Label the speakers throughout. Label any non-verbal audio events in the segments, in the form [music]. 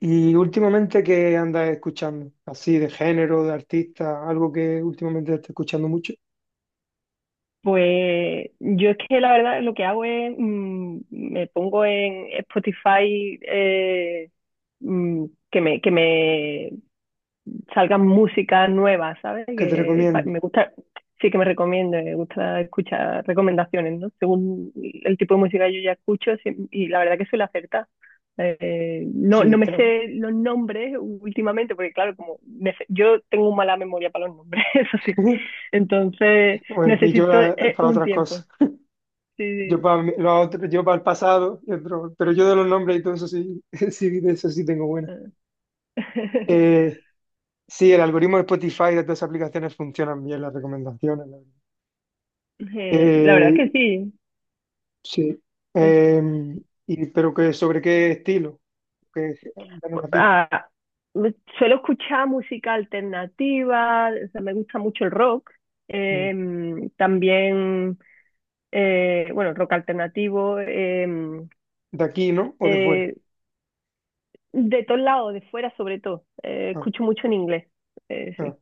Speaker 1: ¿Y últimamente qué andas escuchando? Así de género, de artista, algo que últimamente esté escuchando mucho,
Speaker 2: Pues yo es que la verdad lo que hago es, me pongo en Spotify mm, que me salgan músicas nuevas, ¿sabes?
Speaker 1: que te
Speaker 2: Me
Speaker 1: recomiende.
Speaker 2: gusta, sí que me recomiende, me gusta escuchar recomendaciones, ¿no? Según el tipo de música que yo ya escucho sí, y la verdad que suele acertar. No,
Speaker 1: Sí,
Speaker 2: me
Speaker 1: está.
Speaker 2: sé los nombres últimamente, porque claro, yo tengo mala memoria para los nombres, [laughs] eso sí.
Speaker 1: [laughs]
Speaker 2: Entonces
Speaker 1: Bueno, y yo
Speaker 2: necesito
Speaker 1: la- para
Speaker 2: un
Speaker 1: otras
Speaker 2: tiempo.
Speaker 1: cosas.
Speaker 2: Sí,
Speaker 1: Yo
Speaker 2: sí.
Speaker 1: para mi- lo otro- yo para el pasado, y otro- pero yo de los nombres y todo eso sí, [laughs] sí, de eso sí tengo buena.
Speaker 2: [laughs]
Speaker 1: Eh, sí, el algoritmo de Spotify y de todas esas aplicaciones funcionan bien, las recomendaciones. La verdad.
Speaker 2: La verdad
Speaker 1: Eh,
Speaker 2: que sí.
Speaker 1: sí.
Speaker 2: Es-
Speaker 1: Eh, y, pero que, ¿sobre qué estilo? Que, dame una pista.
Speaker 2: ah, Suelo escuchar música alternativa, o sea, me gusta mucho el rock.
Speaker 1: Mm.
Speaker 2: También, bueno, rock alternativo,
Speaker 1: ¿De aquí, no? ¿O de fuera?
Speaker 2: eh, de todos lados, de fuera sobre todo.
Speaker 1: Ah,
Speaker 2: Escucho mucho en inglés,
Speaker 1: ah,
Speaker 2: sí.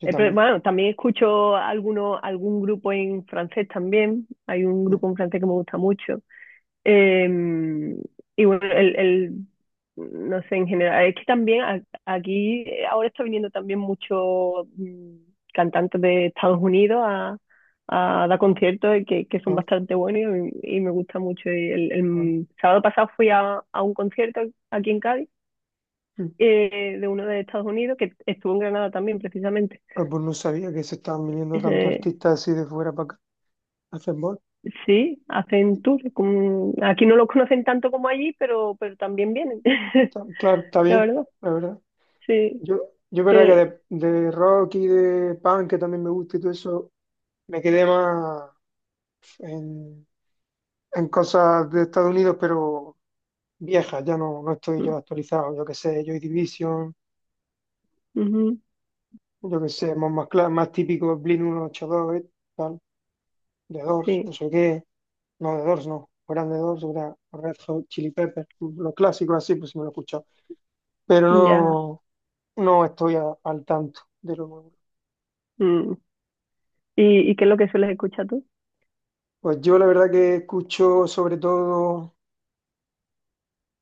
Speaker 1: yo
Speaker 2: Pero,
Speaker 1: también.
Speaker 2: bueno, también escucho algún grupo en francés también. Hay un
Speaker 1: Ah,
Speaker 2: grupo en francés que me gusta mucho. Eh, y bueno, no sé, en general, es que también aquí ahora está viniendo también muchos cantantes de Estados Unidos a dar conciertos y que son
Speaker 1: ah,
Speaker 2: bastante buenos y me gusta mucho. Y
Speaker 1: ah,
Speaker 2: el sábado pasado fui a un concierto aquí en Cádiz
Speaker 1: mm.
Speaker 2: de uno de Estados Unidos que estuvo en Granada también, precisamente.
Speaker 1: Ah, pues no sabía que se estaban viniendo tantos
Speaker 2: Eh,
Speaker 1: artistas así de fuera para acá a hacer bol.
Speaker 2: sí, hacen tour. Aquí no los conocen tanto como allí, pero también vienen,
Speaker 1: Mm,
Speaker 2: [laughs]
Speaker 1: está- Claro, está
Speaker 2: la
Speaker 1: bien,
Speaker 2: verdad.
Speaker 1: la verdad.
Speaker 2: Sí.
Speaker 1: Yo, yo verdad que
Speaker 2: Eh,
Speaker 1: de rock y de punk, que también me gusta y todo eso, me quedé más en, en cosas de Estados Unidos, pero viejas, ya no, no estoy
Speaker 2: mm,
Speaker 1: yo actualizado. Yo qué sé, Joy Division,
Speaker 2: ujú,
Speaker 1: yo qué sé, más, cla- más típico, Blink 182, tal. De Doors, no
Speaker 2: sí,
Speaker 1: sé qué, no, de Doors no, fueran de Doors, era Red Hot Chili Peppers, los clásicos así, pues sí me lo he escuchado, pero
Speaker 2: ya.
Speaker 1: no, no estoy a- al tanto de lo nuevo.
Speaker 2: Mm. Y qué es lo que sueles escuchar tú?
Speaker 1: Pues yo la verdad que escucho sobre todo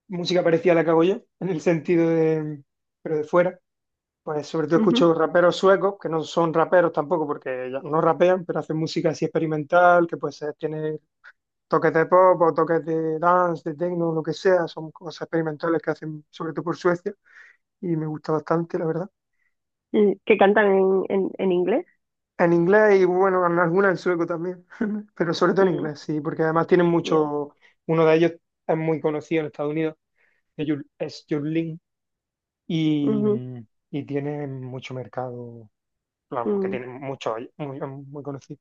Speaker 1: música parecida a la que hago yo, en el sentido de, pero de fuera. Pues sobre todo
Speaker 2: Ujú.
Speaker 1: escucho raperos suecos, que no son raperos tampoco porque ya no rapean, pero hacen música así experimental, que pues tiene toques de pop o toques de dance, de techno, lo que sea, son cosas experimentales que hacen sobre todo por Suecia y me gusta bastante, la verdad.
Speaker 2: Mm, ¿que cantan en inglés?
Speaker 1: En inglés y bueno, en algunas en sueco también, [laughs] pero sobre todo en
Speaker 2: Mm,
Speaker 1: inglés, sí, porque además tienen
Speaker 2: ya.
Speaker 1: mucho, uno de ellos es muy conocido en Estados Unidos, que Jul- es Jurlin y,
Speaker 2: Ujú,
Speaker 1: y tiene mucho mercado, vamos, que
Speaker 2: mm.
Speaker 1: tiene mucho, muy conocido.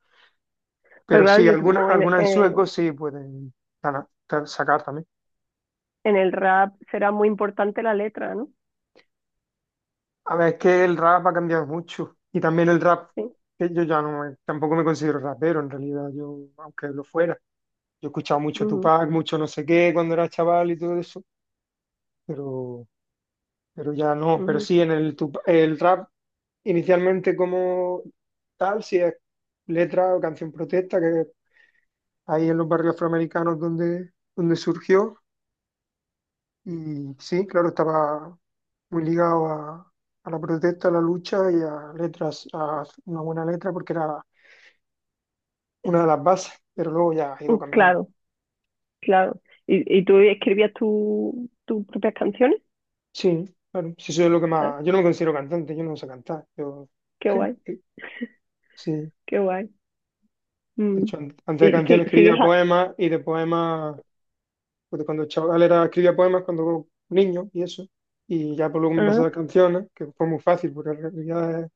Speaker 2: Pues
Speaker 1: Pero
Speaker 2: claro,
Speaker 1: sí,
Speaker 2: yo
Speaker 1: alguna
Speaker 2: supongo
Speaker 1: algunas en sueco sí pueden ganar- sacar también.
Speaker 2: en el rap será muy importante la letra, ¿no?
Speaker 1: A ver, es que el rap ha cambiado mucho. Y también el rap,
Speaker 2: Sí.
Speaker 1: que yo ya no, me- tampoco me considero rapero en realidad, yo, aunque lo fuera. Yo he escuchado mucho
Speaker 2: Ujú,
Speaker 1: Tupac, mucho no sé qué cuando era chaval y todo eso, pero, ya no. Pero
Speaker 2: ujú.
Speaker 1: sí, en el, Tup- el rap, inicialmente como tal, si es letra o canción protesta, que ahí en los barrios afroamericanos donde, surgió. Y sí, claro, estaba muy ligado a la protesta, a la lucha y a letras, a una buena letra, porque era una de las bases, pero luego ya ha
Speaker 2: Mm,
Speaker 1: ido cambiando.
Speaker 2: claro, claro. Y tú escribías tus propias canciones?
Speaker 1: Sí, claro, sí, soy lo que
Speaker 2: Ah,
Speaker 1: más. Yo no me considero cantante, yo no sé cantar. Yo,
Speaker 2: qué
Speaker 1: sí,
Speaker 2: guay,
Speaker 1: sí, sí.
Speaker 2: qué guay.
Speaker 1: De
Speaker 2: Mm.
Speaker 1: hecho, an- antes de
Speaker 2: ¿Y
Speaker 1: canción
Speaker 2: si- sigues
Speaker 1: escribía
Speaker 2: a-
Speaker 1: poemas y de poemas, pues cuando chaval era, escribía poemas cuando niño y eso. Y ya por luego me pasé a
Speaker 2: ah,
Speaker 1: las canciones, que fue muy fácil, porque en realidad es-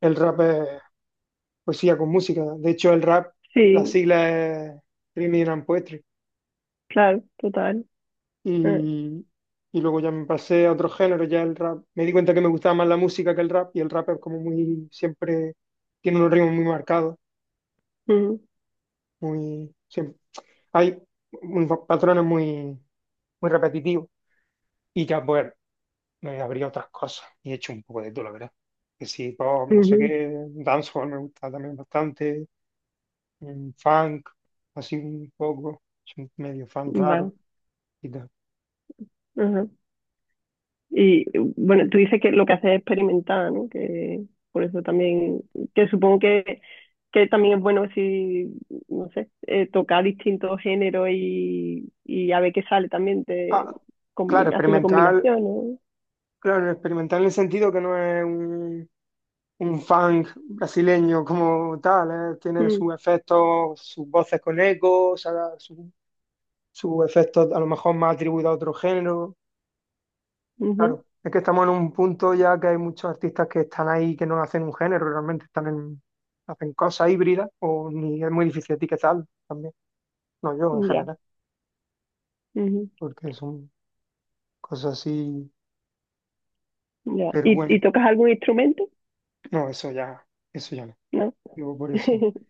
Speaker 1: el rap es. Poesía con música. De hecho, el rap, la
Speaker 2: sí,
Speaker 1: sigla es Rhyming and Poetry.
Speaker 2: claro, total. Ah,
Speaker 1: Y, y luego ya me pasé a otro género, ya el rap. Me di cuenta que me gustaba más la música que el rap y el rap es como muy, siempre tiene unos ritmos muy marcados,
Speaker 2: ujú,
Speaker 1: muy, siempre, hay unos patrones muy, repetitivos. Y ya, pues, me abrí a otras cosas y he hecho un poco de todo, la verdad. Que sí, pop, no sé
Speaker 2: ujú,
Speaker 1: qué, dancehall me gusta también bastante, mm, funk, así un poco, soy medio fan
Speaker 2: vale.
Speaker 1: raro.
Speaker 2: Ajá. Y bueno, tú dices que lo que haces es experimentar, ¿no? Que por eso también, que supongo que también es bueno si, no sé, tocar distintos géneros y a ver qué sale también de,
Speaker 1: Ah, claro,
Speaker 2: haciendo
Speaker 1: experimental,
Speaker 2: combinaciones, ¿no?
Speaker 1: claro, experimental en el sentido que no es un funk brasileño como tal, ¿eh? Tiene
Speaker 2: Mm,
Speaker 1: sus efectos, sus voces con eco, o sea, su- sus efectos a lo mejor más atribuidos a otro género.
Speaker 2: ujú,
Speaker 1: Claro, es que estamos en un punto ya que hay muchos artistas que están ahí que no hacen un género, realmente están en, hacen cosas híbridas, o ni es muy difícil etiquetar también, no yo en
Speaker 2: ya,
Speaker 1: general,
Speaker 2: ujú,
Speaker 1: porque son cosas así,
Speaker 2: ya.
Speaker 1: pero
Speaker 2: Y
Speaker 1: bueno,
Speaker 2: tocas algún instrumento?
Speaker 1: no, eso ya, no.
Speaker 2: ¿No?
Speaker 1: Digo por eso.
Speaker 2: [laughs]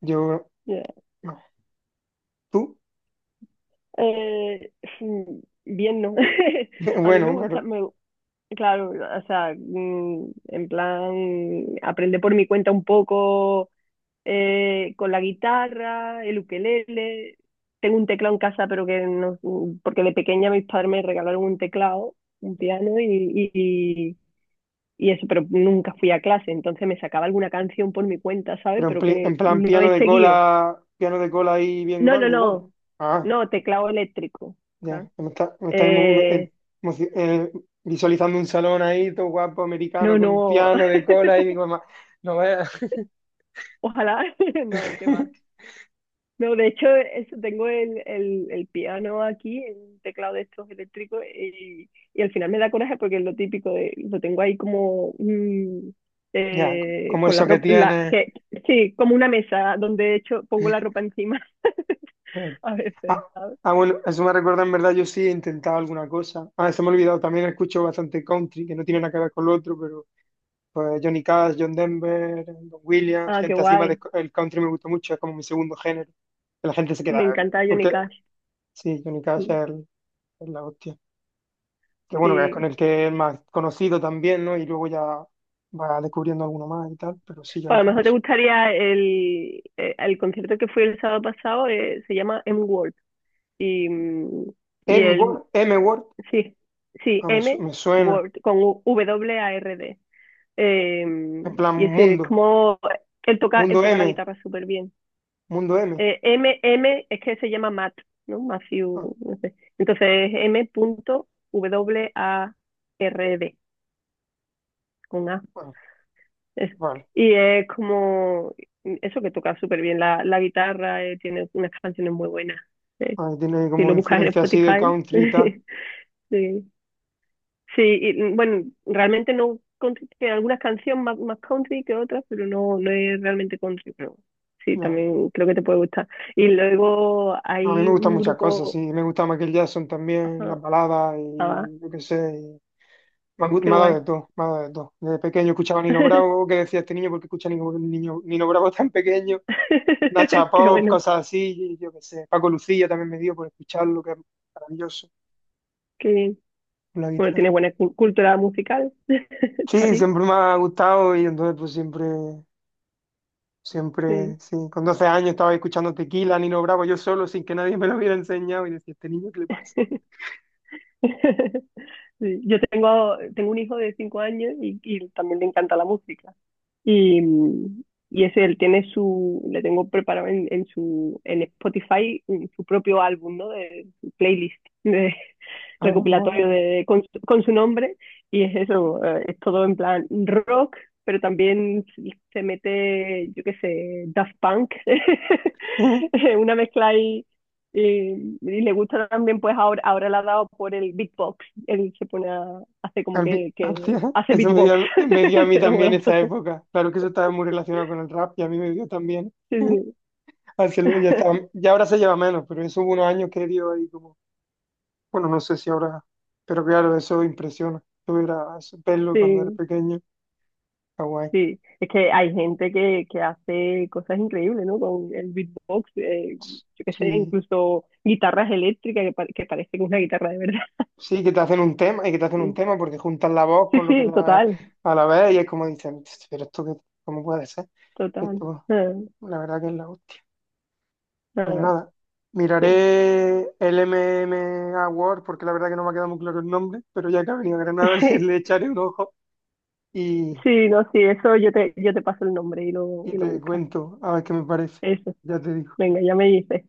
Speaker 1: Yo,
Speaker 2: Ya.
Speaker 1: no. Tú,
Speaker 2: Eh, mm, bien, ¿no? [laughs]
Speaker 1: [laughs]
Speaker 2: A mí me
Speaker 1: bueno,
Speaker 2: gusta,
Speaker 1: pero,
Speaker 2: me, Claro, o sea, en plan, aprender por mi cuenta un poco con la guitarra, el ukelele. Tengo un teclado en casa, pero que no, porque de pequeña mis padres me regalaron un teclado, un piano y eso, pero nunca fui a clase, entonces me sacaba alguna canción por mi cuenta, ¿sabes?
Speaker 1: en,
Speaker 2: Pero
Speaker 1: pli-
Speaker 2: que
Speaker 1: en plan
Speaker 2: no he seguido.
Speaker 1: piano de cola ahí bien
Speaker 2: No, no,
Speaker 1: grande,
Speaker 2: no,
Speaker 1: guapo. Ah,
Speaker 2: no, teclado eléctrico. ¿Sabes?
Speaker 1: ya, me está emo- me-
Speaker 2: Eh,
Speaker 1: emoci- visualizando un salón ahí, todo guapo,
Speaker 2: no,
Speaker 1: americano, con un
Speaker 2: no,
Speaker 1: piano de
Speaker 2: [laughs]
Speaker 1: cola y digo, "Ma- no veas.
Speaker 2: ojalá, [laughs] no, qué va.
Speaker 1: [laughs]
Speaker 2: No, de hecho, eso, tengo el piano aquí, el teclado de estos eléctricos, y al final me da coraje porque es lo típico, de, lo tengo ahí como
Speaker 1: Ya, co- como
Speaker 2: con la
Speaker 1: eso que
Speaker 2: ropa,
Speaker 1: tiene.
Speaker 2: sí, como una mesa donde de hecho pongo la ropa encima [laughs] a veces,
Speaker 1: Ah,
Speaker 2: ¿sabes?
Speaker 1: ah, bueno, eso me recuerda, en verdad, yo sí he intentado alguna cosa. Ah, se me ha olvidado, también escucho bastante country, que no tiene nada que ver con lo otro. Pues Johnny Cash, John Denver, Don Williams,
Speaker 2: Ah, qué
Speaker 1: gente así más
Speaker 2: guay,
Speaker 1: de- el country me gustó mucho, es como mi segundo género. Que la gente se
Speaker 2: me
Speaker 1: queda,
Speaker 2: encanta Johnny
Speaker 1: porque
Speaker 2: Cash,
Speaker 1: sí, Johnny Cash es,
Speaker 2: mm,
Speaker 1: el- es la hostia. Que bueno, que es con
Speaker 2: sí.
Speaker 1: el que es más conocido también, ¿no? Y luego ya va descubriendo alguno más y tal, pero sí,
Speaker 2: Pues a
Speaker 1: Johnny
Speaker 2: lo mejor te
Speaker 1: Cash.
Speaker 2: gustaría el concierto que fui el sábado pasado, se llama M-World, y, mm, y
Speaker 1: M
Speaker 2: él
Speaker 1: Word, M Word,
Speaker 2: sí, sí,
Speaker 1: ah, me, su-
Speaker 2: M
Speaker 1: me suena,
Speaker 2: Word con WARD. Eh,
Speaker 1: en plan
Speaker 2: y ese es
Speaker 1: mundo,
Speaker 2: como él
Speaker 1: mundo
Speaker 2: toca la
Speaker 1: M,
Speaker 2: guitarra súper bien.
Speaker 1: mundo M.
Speaker 2: M es que se llama Matt, ¿no?
Speaker 1: Ah,
Speaker 2: Matthew, no sé. Entonces es M punto w a r d con A.
Speaker 1: bueno,
Speaker 2: Es-
Speaker 1: vale.
Speaker 2: y es como eso que toca súper bien la guitarra, tiene unas canciones muy buenas. Eh,
Speaker 1: Ah, tiene
Speaker 2: si
Speaker 1: como
Speaker 2: lo buscas en
Speaker 1: influencia así de
Speaker 2: Spotify,
Speaker 1: country y tal.
Speaker 2: [laughs] sí, sí, y, mm, bueno, realmente no, country, que algunas canciones más, más country que otras, pero no, no es realmente country, pero sí,
Speaker 1: No.
Speaker 2: también creo que te puede gustar. Y luego
Speaker 1: No, a mí
Speaker 2: hay
Speaker 1: me gustan
Speaker 2: un
Speaker 1: muchas cosas,
Speaker 2: grupo,
Speaker 1: sí. Me gusta Michael Jackson también, las
Speaker 2: ajá,
Speaker 1: baladas
Speaker 2: ah,
Speaker 1: y yo qué sé. Y han gu-
Speaker 2: qué
Speaker 1: me ha dado
Speaker 2: guay,
Speaker 1: de todo, me ha dado de todo. Desde pequeño escuchaba Nino
Speaker 2: [laughs]
Speaker 1: Bravo, que decía este niño porque escucha Nino, niño- Nino Bravo tan pequeño, Nacha
Speaker 2: qué
Speaker 1: Pop,
Speaker 2: bueno,
Speaker 1: cosas así, y yo qué sé. Paco Lucía también me dio por escucharlo, que es maravilloso,
Speaker 2: qué bien.
Speaker 1: con la
Speaker 2: Bueno,
Speaker 1: guitarra.
Speaker 2: tiene buena cultura musical, [laughs] está
Speaker 1: Sí,
Speaker 2: bien,
Speaker 1: siempre me ha gustado y entonces pues siempre,
Speaker 2: sí.
Speaker 1: siempre, sí. Con 12 años estaba escuchando Tequila, Nino Bravo, yo solo, sin que nadie me lo hubiera enseñado y decía, ¿este niño qué le pasa?
Speaker 2: [laughs] Sí, yo tengo, tengo un hijo de 5 años y también le encanta la música. Y, y ese, él tiene su, le tengo preparado en su, en Spotify su propio álbum, ¿no? De su playlist de [laughs]
Speaker 1: Ah, mola.
Speaker 2: recopilatorio de, con, con su nombre. Y es eso, es todo en plan rock, pero también se mete, yo qué sé, Daft Punk,
Speaker 1: [laughs]
Speaker 2: [laughs] una mezcla ahí. Y, y le gusta también, ahora le ha dado por el beatbox. Él se pone a, hace como
Speaker 1: Al vi-
Speaker 2: que
Speaker 1: hostia, [laughs]
Speaker 2: hace
Speaker 1: eso me dio, a
Speaker 2: beatbox.
Speaker 1: mí me dio a
Speaker 2: [laughs]
Speaker 1: mí
Speaker 2: Es muy
Speaker 1: también esa
Speaker 2: gracioso.
Speaker 1: época. Claro que eso estaba muy relacionado con el rap y a mí me dio también.
Speaker 2: Sí,
Speaker 1: [laughs]
Speaker 2: sí,
Speaker 1: Así lo- ya estaba,
Speaker 2: [laughs]
Speaker 1: ya ahora se lleva menos, pero eso hubo unos años que dio ahí como, bueno, no sé si ahora, pero claro, eso impresiona. Yo era eso, verlo cuando era
Speaker 2: sí,
Speaker 1: pequeño, está guay.
Speaker 2: sí. Es que hay gente que hace cosas increíbles, ¿no? Con el beatbox, yo qué sé,
Speaker 1: Sí,
Speaker 2: incluso guitarras eléctricas que, que parecen una guitarra de verdad.
Speaker 1: sí, que te hacen un tema y que te
Speaker 2: [laughs]
Speaker 1: hacen un
Speaker 2: Sí,
Speaker 1: tema porque juntan la voz
Speaker 2: sí,
Speaker 1: con lo que
Speaker 2: sí,
Speaker 1: la,
Speaker 2: total,
Speaker 1: a la vez y es como dicen, pero esto que, ¿cómo puede ser?
Speaker 2: total.
Speaker 1: Esto,
Speaker 2: Ah,
Speaker 1: la verdad que es la hostia. Pues
Speaker 2: ah,
Speaker 1: nada,
Speaker 2: sí,
Speaker 1: miraré el M MMA Award porque la verdad que no me ha quedado muy claro el nombre, pero ya que ha venido a Granada
Speaker 2: [laughs]
Speaker 1: [laughs] le,
Speaker 2: sí,
Speaker 1: le echaré un ojo y,
Speaker 2: sí, no, sí, eso yo te paso el nombre
Speaker 1: y
Speaker 2: y lo
Speaker 1: te
Speaker 2: buscas.
Speaker 1: cuento a ver qué me parece.
Speaker 2: Eso,
Speaker 1: Ya te digo.
Speaker 2: venga, ya me dices.